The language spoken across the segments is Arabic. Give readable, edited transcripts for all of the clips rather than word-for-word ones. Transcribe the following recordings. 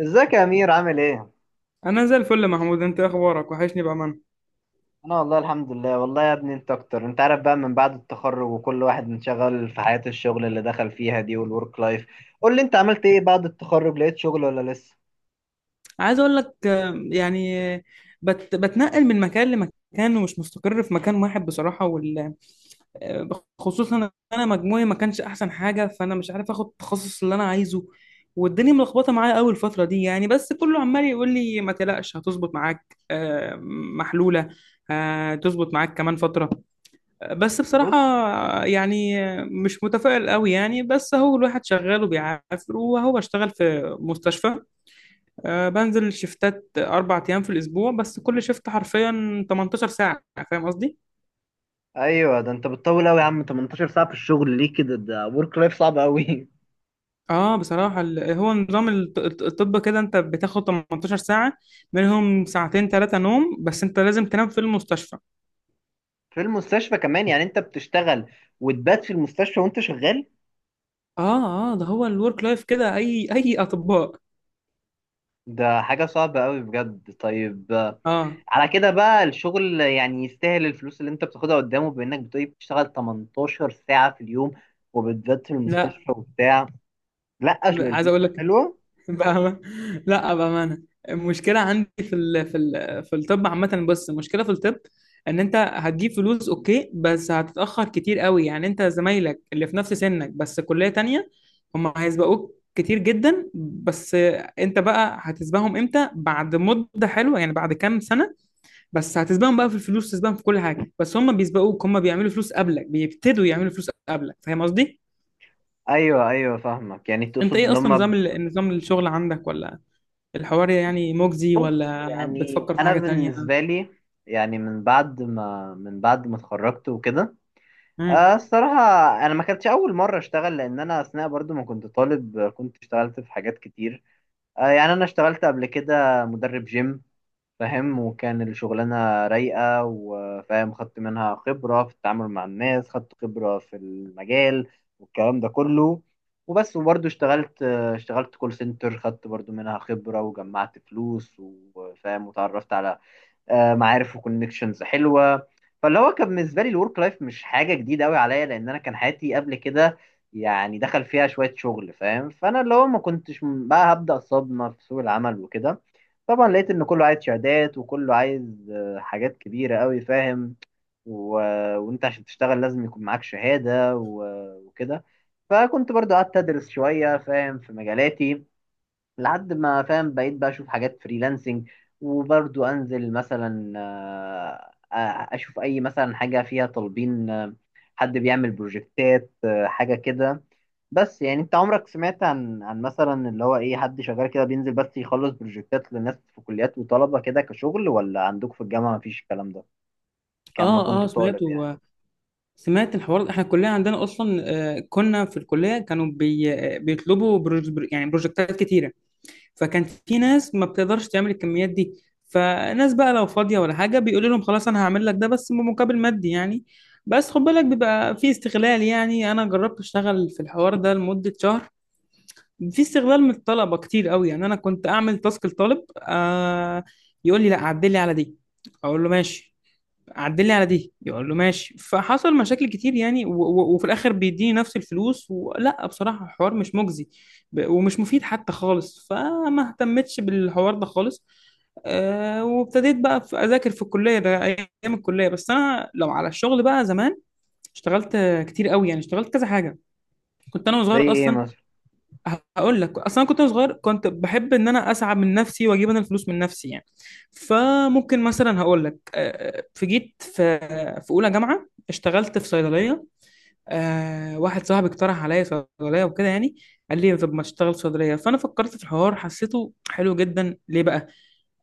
ازيك يا امير؟ عامل ايه؟ انا زي الفل يا محمود، انت إيه اخبارك؟ وحشني بامانه. انا والله الحمد لله. والله يا ابني انت اكتر، انت عارف بقى من بعد التخرج وكل واحد منشغل في حياة الشغل اللي دخل فيها دي والورك لايف. قول لي انت عملت ايه بعد التخرج، لقيت شغل ولا لسه؟ عايز اقول لك يعني بتنقل من مكان لمكان ومش مستقر في مكان واحد بصراحه وال آه، خصوصا انا مجموعي ما كانش احسن حاجه، فانا مش عارف اخد التخصص اللي انا عايزه. والدنيا ملخبطه معايا قوي الفتره دي يعني، بس كله عمال يقول لي ما تقلقش، هتظبط معاك محلوله، هتظبط معاك كمان فتره. بس بصراحة بص. يعني مش متفائل قوي يعني، بس هو الواحد شغال وبيعافر. وهو بشتغل في مستشفى، بنزل شفتات 4 أيام في الأسبوع بس كل شفت حرفيا 18 ساعة. فاهم قصدي؟ ايوه، ده انت بتطول قوي يا عم، 18 ساعة في الشغل ليه كده؟ ده ورك لايف صعب قوي. اه بصراحة هو نظام الطب كده، انت بتاخد 18 ساعة، منهم ساعتين ثلاثة نوم، بس انت لازم تنام في المستشفى. في المستشفى كمان؟ يعني انت بتشتغل وتبات في المستشفى وانت شغال؟ اه اه، ده هو الورك لايف كده اي اي اطباء. ده حاجة صعبة قوي بجد. طيب اه، على كده بقى الشغل يعني يستاهل الفلوس اللي انت بتاخدها، قدامه بانك بتقولي بتشتغل 18 ساعة في اليوم وبالذات في لا. المستشفى وبتاع. لا اصل عايز الفلوس اقول مش لك حلوة. بأمانة، لا بأمانة، المشكلة عندي في الطب عامة، بس المشكلة في الطب ان انت هتجيب فلوس اوكي، بس هتتأخر كتير قوي يعني. انت زمايلك اللي في نفس سنك بس كلية تانية، هم هيسبقوك كتير جدا. بس انت بقى هتسبقهم امتى؟ بعد مدة حلوة يعني، بعد كام سنة. بس هتسبقهم بقى في الفلوس، تسبقهم في كل حاجة، بس هم بيسبقوك، هم بيعملوا فلوس قبلك، بيبتدوا يعملوا فلوس قبلك. فاهم قصدي؟ ايوه ايوه فاهمك، يعني انت تقصد ايه اصلا لما نظام الشغل عندك؟ ولا الحوار يعني مجزي، بص ولا يعني بتفكر في انا حاجة تانية؟ بالنسبة لي، يعني من بعد ما اتخرجت وكده. امم. الصراحة انا ما كانتش اول مرة اشتغل، لان انا اثناء برضو ما كنت طالب كنت اشتغلت في حاجات كتير. يعني انا اشتغلت قبل كده مدرب جيم، فاهم؟ وكان الشغلانة رايقة، وفاهم خدت منها خبرة في التعامل مع الناس، خدت خبرة في المجال والكلام ده كله. وبس وبرضه اشتغلت، كول سنتر، خدت برضه منها خبرة وجمعت فلوس، وفاهم وتعرفت على معارف وكونكشنز حلوه. فاللي هو كان بالنسبه لي الورك لايف مش حاجه جديده قوي عليا، لان انا كان حياتي قبل كده يعني دخل فيها شويه شغل، فاهم؟ فانا اللي هو ما كنتش م- بقى هبدا صدمه في سوق العمل وكده. طبعا لقيت ان كله عايز شهادات، وكله عايز حاجات كبيره قوي، فاهم؟ و... وانت عشان تشتغل لازم يكون معاك شهاده وكده. فكنت برضو قعدت ادرس شويه، فاهم، في مجالاتي. لحد ما فاهم بقيت بقى اشوف حاجات فريلانسنج، وبرضو انزل مثلا، اشوف اي مثلا حاجه فيها طالبين، حد بيعمل بروجكتات، حاجه كده. بس يعني انت عمرك سمعت عن مثلا اللي هو ايه، حد شغال كده بينزل بس يخلص بروجكتات للناس في كليات وطلبه كده، كشغل؟ ولا عندكم في الجامعه مفيش الكلام ده كان ما اه كنت اه طالب يعني؟ سمعته، سمعت الحوار. احنا الكلية عندنا اصلا كنا في الكلية كانوا بي... آه، بيطلبوا يعني بروجكتات كتيرة. فكان في ناس ما بتقدرش تعمل الكميات دي، فناس بقى لو فاضية ولا حاجة بيقولوا لهم خلاص انا هعمل لك ده بس بمقابل مادي يعني. بس خد بالك بيبقى في استغلال، يعني انا جربت اشتغل في الحوار ده لمدة شهر. في استغلال من الطلبه كتير قوي، يعني انا كنت اعمل تاسك لطالب يقول لي لا عدل لي على دي، اقول له ماشي. عدل لي على دي، يقول له ماشي. فحصل مشاكل كتير يعني، و و وفي الاخر بيديني نفس الفلوس، ولا بصراحه الحوار مش مجزي، ومش مفيد حتى خالص، فما اهتمتش بالحوار ده خالص. آه وابتديت بقى اذاكر في الكليه ده ايام الكليه. بس انا لو على الشغل بقى زمان اشتغلت كتير قوي يعني، اشتغلت كذا حاجه، كنت انا زي وصغير ايه اصلا. مثلا؟ هقول لك اصلا أنا كنت وأنا صغير كنت بحب ان انا اسعى من نفسي واجيب انا الفلوس من نفسي يعني. فممكن مثلا هقول لك جيت في في اولى جامعه اشتغلت في صيدليه. واحد صاحبي اقترح عليا صيدليه وكده يعني. قال لي طب ما تشتغل في صيدليه، فانا فكرت في الحوار حسيته حلو جدا. ليه بقى؟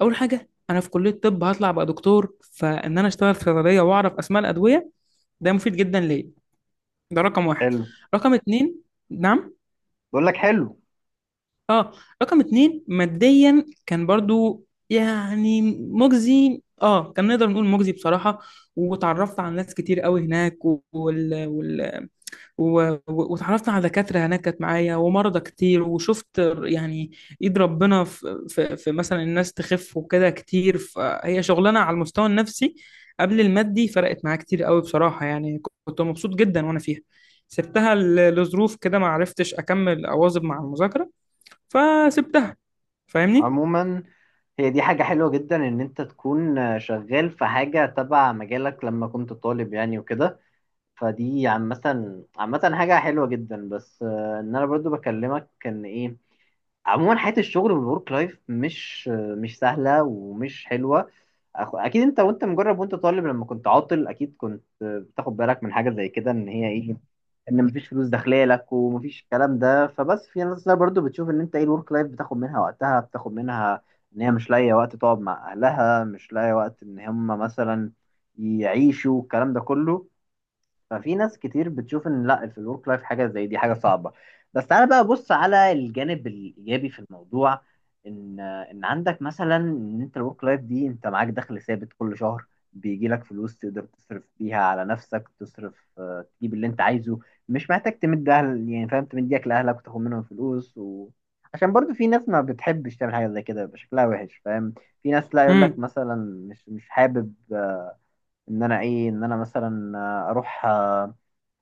اول حاجه، انا في كليه الطب هطلع بقى دكتور، فان انا اشتغل في صيدليه واعرف اسماء الادويه، ده مفيد جدا ليا، ده رقم واحد. حلو. رقم اتنين. نعم. بقول لك حلو. اه، رقم اتنين ماديا كان برضو يعني مجزي، اه كان نقدر نقول مجزي بصراحة. وتعرفت على ناس كتير قوي هناك و... وتعرفت على دكاترة هناك كانت معايا ومرضى كتير، وشفت يعني ايد ربنا في مثلا الناس تخف وكده كتير. فهي شغلانة على المستوى النفسي قبل المادي، فرقت معايا كتير قوي بصراحة يعني، كنت مبسوط جدا وانا فيها. سبتها لظروف كده، ما عرفتش اكمل اواظب مع المذاكرة، فسبتها. فاهمني؟ عموما هي دي حاجة حلوة جدا إن أنت تكون شغال في حاجة تبع مجالك لما كنت طالب يعني وكده، فدي عامة. عامة حاجة حلوة جدا، بس إن أنا برضو بكلمك إن إيه، عموما حياة الشغل والورك لايف مش سهلة ومش حلوة. أكيد أنت، وأنت مجرب وأنت طالب لما كنت عاطل، أكيد كنت بتاخد بالك من حاجة زي كده، إن هي إيه، إن مفيش فلوس داخلة لك ومفيش الكلام ده. فبس في ناس لا برضو بتشوف إن أنت إيه الورك لايف بتاخد منها وقتها، بتاخد منها إن هي مش لاقية وقت تقعد مع أهلها، مش لاقية وقت إن هم مثلا يعيشوا الكلام ده كله. ففي ناس كتير بتشوف ان لا في الورك لايف حاجه زي دي حاجه صعبه. بس تعالى بقى بص على الجانب الايجابي في الموضوع، ان عندك مثلا، ان انت الورك لايف دي انت معاك دخل ثابت كل شهر بيجي لك فلوس، تقدر تصرف بيها على نفسك، تصرف تجيب اللي انت عايزه، مش محتاج تمد اهل يعني، فاهم، تمديك لاهلك وتاخد منهم فلوس عشان برضو في ناس ما بتحبش تعمل حاجه زي كده، بيبقى شكلها وحش، فاهم؟ في ناس لا يقول لك امم. مثلا مش حابب ان انا ايه، ان انا مثلا اروح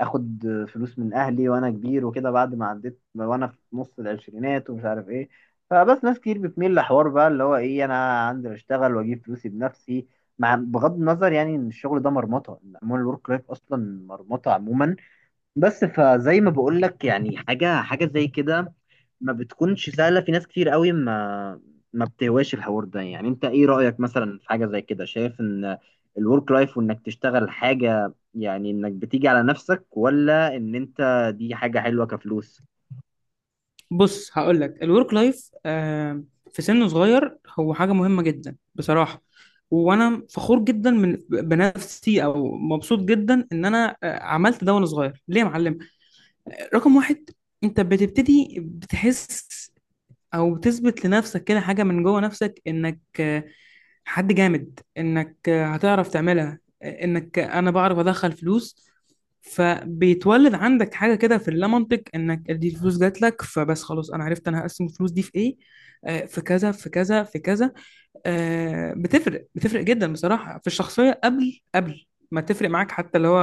اخد فلوس من اهلي وانا كبير وكده، بعد ما عديت وانا في نص العشرينات ومش عارف ايه. فبس ناس كتير بتميل لحوار بقى اللي هو ايه، انا عندي اشتغل واجيب فلوسي بنفسي، مع بغض النظر يعني ان الشغل ده مرمطه، عموما الورك لايف اصلا مرمطه عموما. بس فزي ما بقول لك يعني، حاجه، حاجه زي كده ما بتكونش سهلة، في ناس كتير قوي ما بتهواش الحوار ده يعني. انت ايه رأيك مثلا في حاجة زي كده؟ شايف ان الورك لايف وانك تشتغل حاجة يعني انك بتيجي على نفسك؟ ولا ان انت دي حاجة حلوة كفلوس؟ بص هقول لك، الورك لايف آه في سن صغير هو حاجه مهمه جدا بصراحه. وانا فخور جدا من بنفسي او مبسوط جدا ان انا عملت ده وانا صغير. ليه يا معلم؟ رقم واحد، انت بتبتدي بتحس او بتثبت لنفسك كده حاجه من جوه نفسك انك حد جامد، انك هتعرف تعملها، انك انا بعرف ادخل فلوس. فبيتولد عندك حاجه كده في اللامنطق، انك دي الفلوس جات لك فبس خلاص انا عرفت انا هقسم الفلوس دي في ايه، في كذا في كذا في كذا. بتفرق بتفرق جدا بصراحه في الشخصيه، قبل ما تفرق معاك حتى اللي هو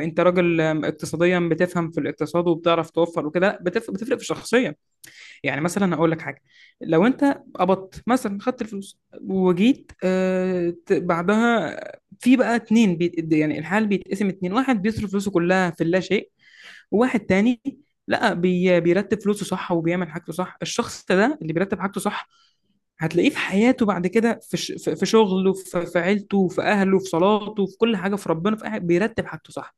انت راجل اقتصاديا بتفهم في الاقتصاد وبتعرف توفر وكده، لا بتفرق بتفرق في الشخصيه. يعني مثلا هقول لك حاجه، لو انت قبضت مثلا خدت الفلوس وجيت بعدها في بقى اتنين بيت يعني، الحال بيتقسم اتنين، واحد بيصرف فلوسه كلها في اللا شيء، وواحد تاني لا، بيرتب فلوسه صح وبيعمل حاجته صح. الشخص ده اللي بيرتب حاجته صح هتلاقيه في حياته بعد كده في شغله، في عيلته، في اهله، في صلاته، في كل حاجه، في ربنا، بيرتب حاجته صح،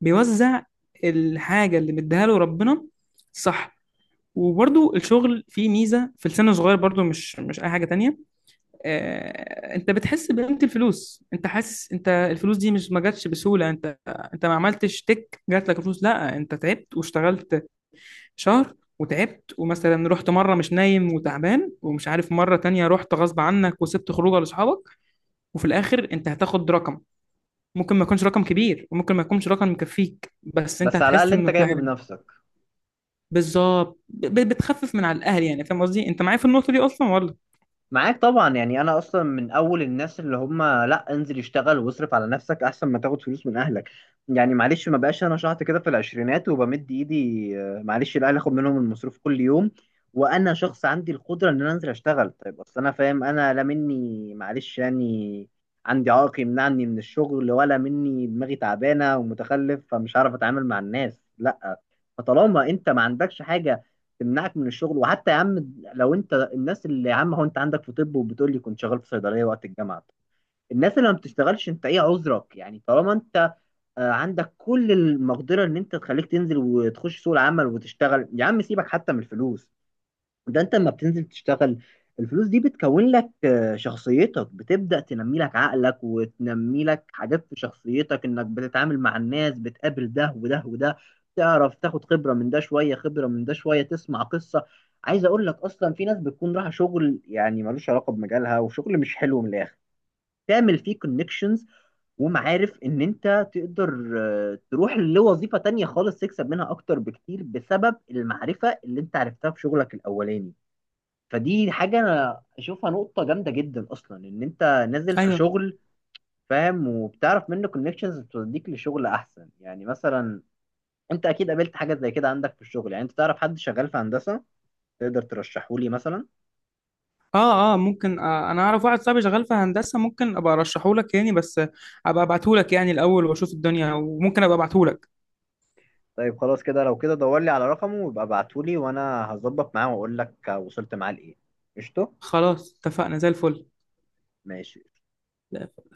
بيوزع الحاجه اللي مديها له ربنا صح. وبرضو الشغل فيه ميزة في السن الصغير، برضو مش أي حاجة تانية. أنت بتحس بقيمة الفلوس، أنت حاسس أنت الفلوس دي مش ما جاتش بسهولة، أنت ما عملتش تك جات لك فلوس. لا، أنت تعبت واشتغلت شهر وتعبت، ومثلا رحت مرة مش نايم وتعبان ومش عارف، مرة تانية رحت غصب عنك وسبت خروجه لأصحابك. وفي الآخر أنت هتاخد رقم، ممكن ما يكونش رقم كبير وممكن ما يكونش رقم مكفيك، بس أنت بس على الأقل هتحس انت إنه جايبه فعلا بنفسك. بالظبط. بتخفف من على الاهل يعني. فاهم قصدي؟ انت معايا في النقطه دي اصلا ولا؟ معاك طبعا يعني، انا اصلا من اول الناس اللي هم لا، انزل اشتغل واصرف على نفسك احسن ما تاخد فلوس من اهلك، يعني معلش. ما بقاش انا شحط كده في العشرينات وبمد ايدي، معلش الاهل اخد منهم المصروف كل يوم، وانا شخص عندي القدره ان انا انزل اشتغل. طيب اصل انا فاهم، انا لا مني معلش يعني عندي عائق يمنعني من الشغل، ولا مني دماغي تعبانه ومتخلف فمش هعرف اتعامل مع الناس، لا. فطالما انت ما عندكش حاجه تمنعك من الشغل، وحتى يا عم لو انت الناس اللي يا عم، هو انت عندك في طب وبتقول لي كنت شغال في صيدليه وقت الجامعه، الناس اللي ما بتشتغلش انت ايه عذرك يعني؟ طالما انت عندك كل المقدره ان انت تخليك تنزل وتخش سوق العمل وتشتغل. يا عم سيبك حتى من الفلوس، ده انت لما بتنزل تشتغل الفلوس دي بتكون لك، شخصيتك بتبدأ تنمي لك عقلك وتنمي لك حاجات في شخصيتك، انك بتتعامل مع الناس، بتقابل ده وده وده، تعرف تاخد خبرة من ده شوية، خبرة من ده شوية، تسمع قصة. عايز اقول لك اصلا، في ناس بتكون رايحة شغل يعني ملوش علاقة بمجالها، وشغل مش حلو، من الاخر تعمل فيه كونكشنز ومعارف ان انت تقدر تروح لوظيفة تانية خالص تكسب منها اكتر بكتير بسبب المعرفة اللي انت عرفتها في شغلك الاولاني. فدي حاجة أنا أشوفها نقطة جامدة جدا أصلا، إن أنت نازل في ايوه. شغل، فاهم، وبتعرف منه كونكشنز توديك لشغل أحسن. يعني مثلا أنت أكيد قابلت حاجة زي كده عندك في الشغل، يعني أنت تعرف حد شغال في هندسة تقدر ترشحه لي مثلا؟ اه اه ممكن، آه انا اعرف واحد صاحبي شغال في هندسه ممكن ابقى ارشحه لك يعني، بس ابقى ابعته لك يعني الاول واشوف الدنيا وممكن ابقى ابعته لك. طيب خلاص كده، لو كده دور لي على رقمه ويبقى ابعته لي، وأنا هظبط معاه وأقول لك وصلت معاه لإيه. قشطة. خلاص اتفقنا، زي الفل. ماشي.